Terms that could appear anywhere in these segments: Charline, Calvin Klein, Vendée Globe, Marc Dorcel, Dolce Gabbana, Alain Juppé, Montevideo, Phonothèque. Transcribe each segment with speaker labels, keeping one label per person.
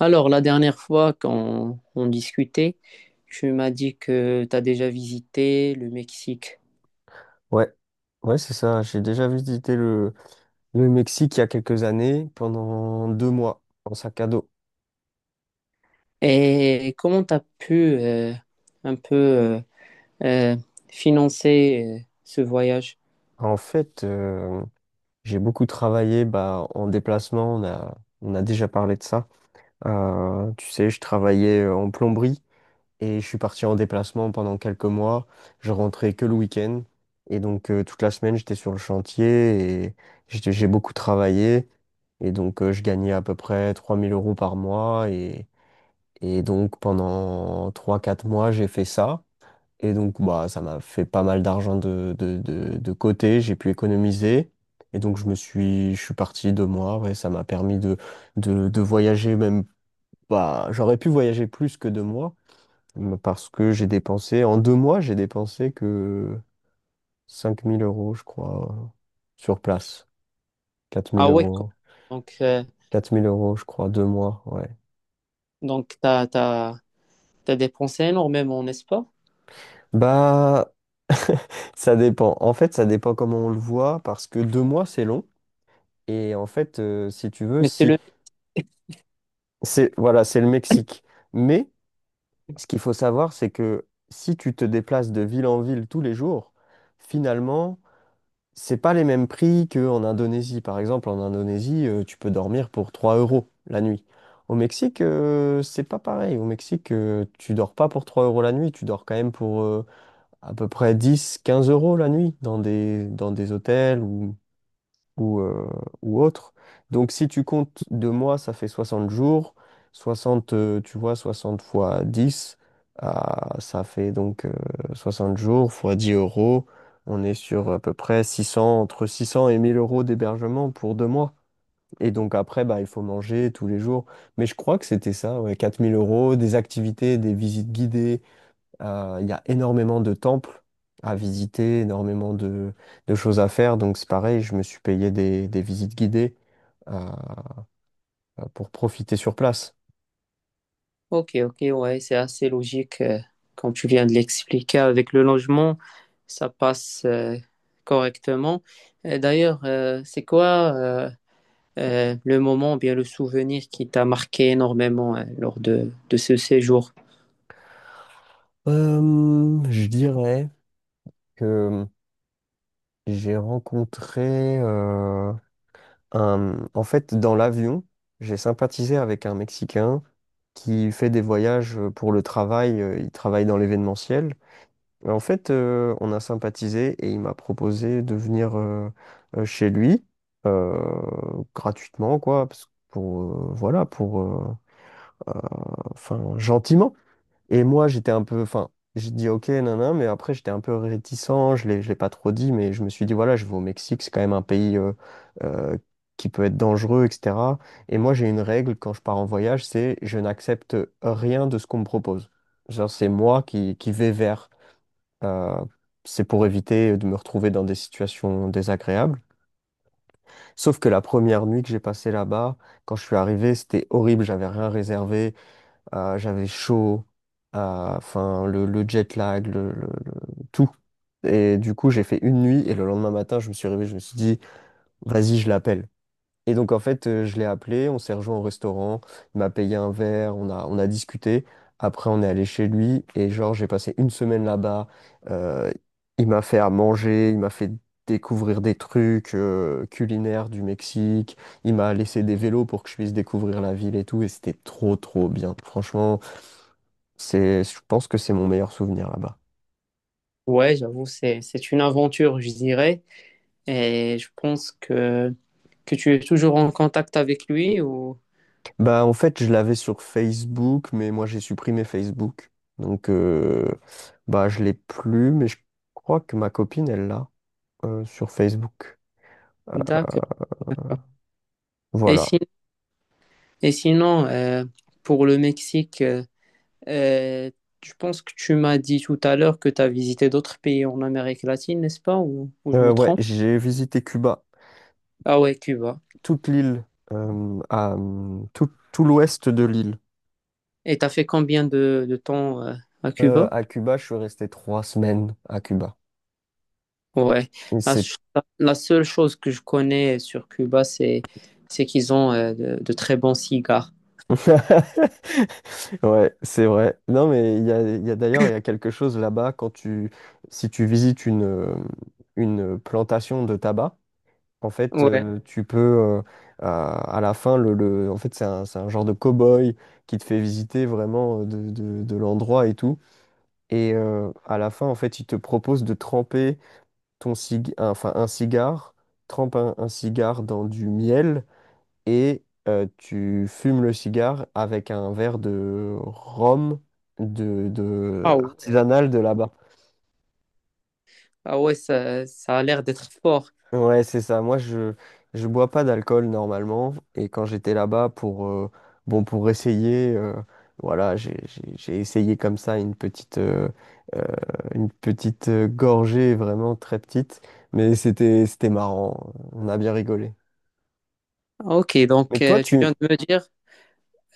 Speaker 1: Alors, la dernière fois quand on discutait, tu m'as dit que tu as déjà visité le Mexique.
Speaker 2: Ouais, ouais, c'est ça. J'ai déjà visité le Mexique il y a quelques années pendant deux mois en sac à dos.
Speaker 1: Et comment tu as pu euh, un peu euh, financer ce voyage?
Speaker 2: En fait, j'ai beaucoup travaillé bah, en déplacement. On a déjà parlé de ça. Tu sais, je travaillais en plomberie et je suis parti en déplacement pendant quelques mois. Je rentrais que le week-end et donc toute la semaine j'étais sur le chantier et j'ai beaucoup travaillé. Et donc, je gagnais à peu près 3000 euros par mois. Et donc pendant trois quatre mois, j'ai fait ça. Et donc bah, ça m'a fait pas mal d'argent de côté, j'ai pu économiser. Et donc je suis parti deux mois, ouais, ça m'a permis de voyager même pas. J'aurais pu voyager plus que deux mois, mais parce que en deux mois, j'ai dépensé que 5000 euros, je crois, sur place. quatre mille
Speaker 1: Ah ouais,
Speaker 2: euros.
Speaker 1: donc, euh,
Speaker 2: Quatre mille euros, je crois, deux mois, ouais.
Speaker 1: donc tu as dépensé énormément, n'est-ce pas?
Speaker 2: Bah, ça dépend. En fait, ça dépend comment on le voit, parce que deux mois, c'est long. Et en fait, si tu veux,
Speaker 1: Mais c'est
Speaker 2: si
Speaker 1: le...
Speaker 2: c'est voilà, c'est le Mexique. Mais ce qu'il faut savoir, c'est que si tu te déplaces de ville en ville tous les jours, finalement, c'est pas les mêmes prix qu'en Indonésie. Par exemple, en Indonésie, tu peux dormir pour 3 euros la nuit. Au Mexique, c'est pas pareil. Au Mexique, tu dors pas pour 3 euros la nuit, tu dors quand même pour à peu près 10, 15 euros la nuit dans des hôtels ou ou, euh, ou autre. Donc si tu comptes deux mois, ça fait 60 jours. Soixante tu vois, 60 fois 10 ah, ça fait donc 60 jours fois 10 euros. On est sur à peu près 600, entre 600 et 1000 euros d'hébergement pour deux mois. Et donc après, bah, il faut manger tous les jours. Mais je crois que c'était ça, ouais, 4000 euros, des activités, des visites guidées, il y a énormément de temples à visiter, énormément de choses à faire. Donc c'est pareil, je me suis payé des visites guidées euh, pour profiter sur place.
Speaker 1: Ok, ok, ouais, c'est assez logique. Quand tu viens de l'expliquer avec le logement, ça passe correctement. Et d'ailleurs, c'est quoi... le moment ou bien le souvenir qui t'a marqué énormément, hein, lors de ce séjour?
Speaker 2: Je dirais que j'ai rencontré En fait, dans l'avion, j'ai sympathisé avec un Mexicain qui fait des voyages pour le travail. Il travaille dans l'événementiel. Mais en fait, on a sympathisé et il m'a proposé de venir chez lui euh, gratuitement, quoi, parce que pour, voilà, pour, euh, enfin, gentiment. Et moi, j'étais un peu, enfin, j'ai dit ok, nanan, mais après, j'étais un peu réticent, je l'ai pas trop dit, mais je me suis dit, voilà, je vais au Mexique, c'est quand même un pays euh, qui peut être dangereux, etc. Et moi, j'ai une règle quand je pars en voyage, c'est je n'accepte rien de ce qu'on me propose. Genre, c'est moi qui vais vers. Euh, c'est pour éviter de me retrouver dans des situations désagréables. Sauf que la première nuit que j'ai passée là-bas, quand je suis arrivé, c'était horrible. J'avais rien réservé. J'avais chaud. Enfin, le jet lag, tout. Et du coup, j'ai fait une nuit et le lendemain matin, je me suis réveillé. Je me suis dit, vas-y, je l'appelle. Et donc, en fait, je l'ai appelé, on s'est rejoint au restaurant, il m'a payé un verre, on a discuté. Après, on est allé chez lui et genre, j'ai passé une semaine là-bas. Euh, il m'a fait à manger, il m'a fait découvrir des trucs culinaires du Mexique, il m'a laissé des vélos pour que je puisse découvrir la ville et tout. Et c'était trop, trop bien. Franchement, c'est, je pense que c'est mon meilleur souvenir là-bas.
Speaker 1: Ouais, j'avoue, c'est une aventure, je dirais. Et je pense que tu es toujours en contact avec lui ou...
Speaker 2: Bah, en fait, je l'avais sur Facebook, mais moi, j'ai supprimé Facebook. Donc, bah, je l'ai plus, mais je crois que ma copine, elle l'a sur Facebook.
Speaker 1: D'accord. Et,
Speaker 2: Voilà.
Speaker 1: si- et sinon, pour le Mexique, euh, je pense que tu m'as dit tout à l'heure que tu as visité d'autres pays en Amérique latine, n'est-ce pas? Ou je me
Speaker 2: Ouais,
Speaker 1: trompe?
Speaker 2: j'ai visité Cuba,
Speaker 1: Ah ouais, Cuba.
Speaker 2: toute l'île, tout, tout l'ouest de l'île.
Speaker 1: Et tu as fait combien de temps, à Cuba?
Speaker 2: À Cuba, je suis resté 3 semaines à Cuba.
Speaker 1: Ouais,
Speaker 2: Et
Speaker 1: la,
Speaker 2: c'est
Speaker 1: ch- la seule chose que je connais sur Cuba, c'est qu'ils ont de très bons cigares.
Speaker 2: ouais, c'est vrai. Non, mais il y a d'ailleurs, il y a quelque chose là-bas quand tu, si tu visites une plantation de tabac, en fait,
Speaker 1: Ouais.
Speaker 2: à la fin, en fait, c'est un genre de cow-boy qui te fait visiter vraiment de l'endroit et tout. Et à la fin, en fait, il te propose de tremper enfin, un cigare, trempe un cigare dans du miel et tu fumes le cigare avec un verre de rhum de
Speaker 1: Ah ouais,
Speaker 2: artisanal de là-bas.
Speaker 1: ah ouais, ça a l'air d'être fort.
Speaker 2: Ouais, c'est ça. Moi, je bois pas d'alcool normalement et quand j'étais là-bas pour bon pour essayer voilà, j'ai essayé comme ça euh, une petite gorgée vraiment très petite, mais c'était marrant. On a bien rigolé.
Speaker 1: Ah, ok,
Speaker 2: Mais
Speaker 1: donc
Speaker 2: toi,
Speaker 1: tu
Speaker 2: tu
Speaker 1: viens de me dire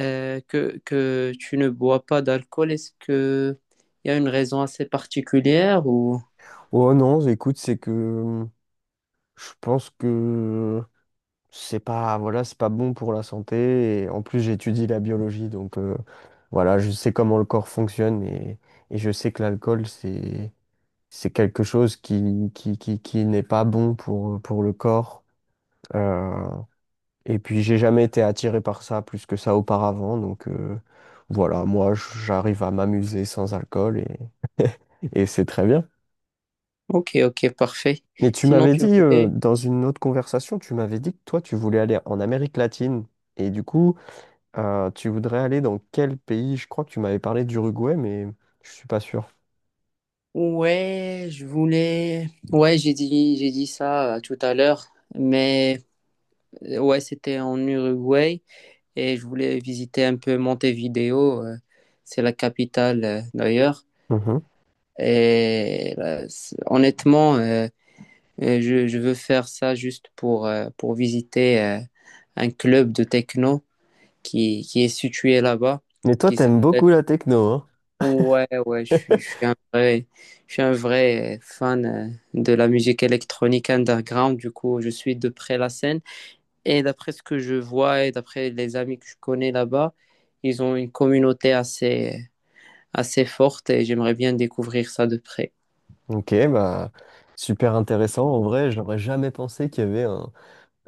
Speaker 1: que tu ne bois pas d'alcool. Est-ce que il y a une raison assez particulière ou...
Speaker 2: Oh non, écoute, c'est que je pense que c'est pas, voilà, c'est pas bon pour la santé. Et en plus, j'étudie la biologie, donc voilà, je sais comment le corps fonctionne et je sais que l'alcool, c'est quelque chose qui n'est pas bon pour le corps. Euh, et puis, j'ai jamais été attiré par ça plus que ça auparavant, donc voilà, moi, j'arrive à m'amuser sans alcool et c'est très bien.
Speaker 1: Ok, ok, parfait.
Speaker 2: Et tu
Speaker 1: Sinon,
Speaker 2: m'avais
Speaker 1: tu
Speaker 2: dit,
Speaker 1: voulais...
Speaker 2: dans une autre conversation, tu m'avais dit que toi, tu voulais aller en Amérique latine. Et du coup, tu voudrais aller dans quel pays? Je crois que tu m'avais parlé d'Uruguay, mais je suis pas sûr.
Speaker 1: Ouais, je voulais... Ouais, j'ai dit ça tout à l'heure, mais ouais, c'était en Uruguay. Et je voulais visiter un peu Montevideo. C'est la capitale d'ailleurs.
Speaker 2: Mhm.
Speaker 1: Et là, honnêtement, je veux faire ça juste pour visiter un club de techno qui est situé là-bas,
Speaker 2: Mais toi,
Speaker 1: qui
Speaker 2: t'aimes
Speaker 1: s'appelle...
Speaker 2: beaucoup la techno, hein?
Speaker 1: Ouais, ouais, je suis un vrai, je suis un vrai fan de la musique électronique underground. Du coup, je suis de près la scène. Et d'après ce que je vois et d'après les amis que je connais là-bas, ils ont une communauté assez, assez forte et j'aimerais bien découvrir ça de près.
Speaker 2: Ok, bah super intéressant. En vrai, j'aurais jamais pensé qu'il y avait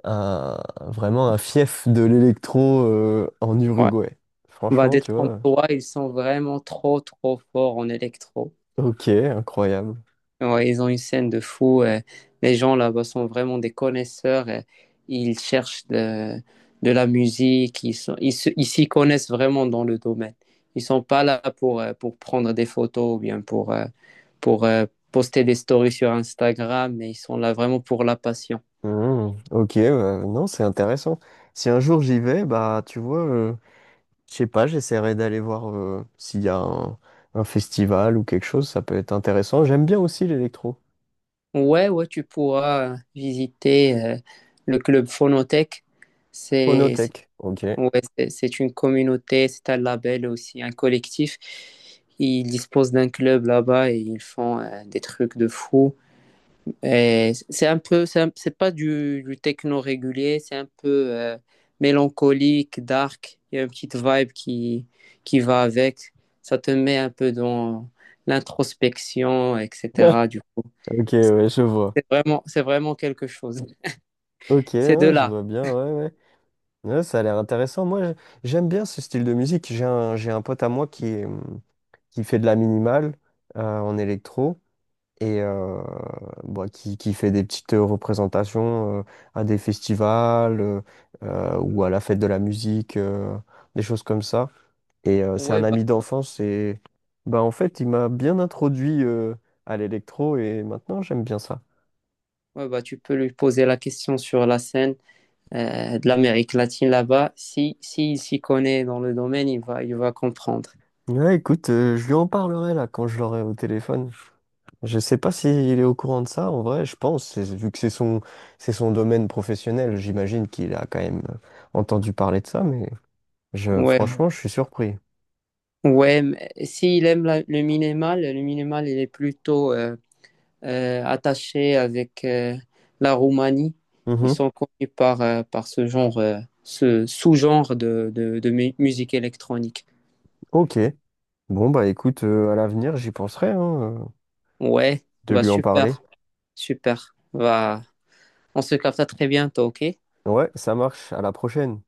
Speaker 2: un- vraiment un fief de l'électro en
Speaker 1: Ouais.
Speaker 2: Uruguay.
Speaker 1: Bah,
Speaker 2: Franchement, tu
Speaker 1: d'être en
Speaker 2: vois.
Speaker 1: toi, ils sont vraiment trop, trop forts en électro.
Speaker 2: Ok, incroyable.
Speaker 1: Ouais, ils ont une scène de fou. Les gens là-bas sont vraiment des connaisseurs. Ils cherchent de la musique. Ils sont, ils s'y connaissent vraiment dans le domaine. Ils sont pas là pour prendre des photos ou bien pour, pour euh, poster des stories sur Instagram, mais ils sont là vraiment pour la passion.
Speaker 2: Mhm. Ok, bah, non, c'est intéressant. Si un jour j'y vais, bah tu vois. Je sais pas, j'essaierai d'aller voir s'il y a un festival ou quelque chose, ça peut être intéressant. J'aime bien aussi l'électro.
Speaker 1: Ouais, ouais, tu pourras visiter le club Phonothèque. C'est,
Speaker 2: Phonothèque. Ok.
Speaker 1: ouais, c'est une communauté, c'est un label aussi, un collectif. Ils disposent d'un club là-bas et ils font des trucs de fou. Et c'est un peu, c'est pas du techno régulier, c'est un peu euh, mélancolique, dark. Il y a une petite vibe qui va avec. Ça te met un peu dans l'introspection, etc. Du coup,
Speaker 2: Ok, ouais, je vois.
Speaker 1: c'est vraiment quelque chose.
Speaker 2: Ok,
Speaker 1: C'est de
Speaker 2: hein, je
Speaker 1: là.
Speaker 2: vois bien, ouais, ouais. Ouais, ça a l'air intéressant. J'aime bien ce style de musique. J'ai un pote à moi qui fait de la minimale en électro. Et bah, qui fait des petites représentations à des festivals ou à la fête de la musique, des choses comme ça. Et c'est
Speaker 1: Ouais,
Speaker 2: un
Speaker 1: bah,
Speaker 2: ami d'enfance et bah, en fait, il m'a bien introduit à l'électro et maintenant j'aime bien ça.
Speaker 1: ouais, bah, tu peux lui poser la question sur la scène. De l'Amérique latine là-bas. Si, s'il s'y connaît dans le domaine, il va comprendre.
Speaker 2: Ouais, écoute, je lui en parlerai là quand je l'aurai au téléphone. Je sais pas s'il est au courant de ça, en vrai, je pense, vu que c'est son domaine professionnel, j'imagine qu'il a quand même entendu parler de ça, mais je,
Speaker 1: Ouais,
Speaker 2: franchement, je suis surpris.
Speaker 1: ouais. Mais s'il aime le minimal, il est plutôt attaché avec la Roumanie. Ils
Speaker 2: Mhm.
Speaker 1: sont connus par, par ce genre, ce sous-genre de musique électronique.
Speaker 2: Ok. Bon, bah écoute, à l'avenir, j'y penserai, hein,
Speaker 1: Ouais,
Speaker 2: de
Speaker 1: bah
Speaker 2: lui en parler.
Speaker 1: super, super. Bah, on se capte à très bientôt, ok?
Speaker 2: Ouais, ça marche. À la prochaine.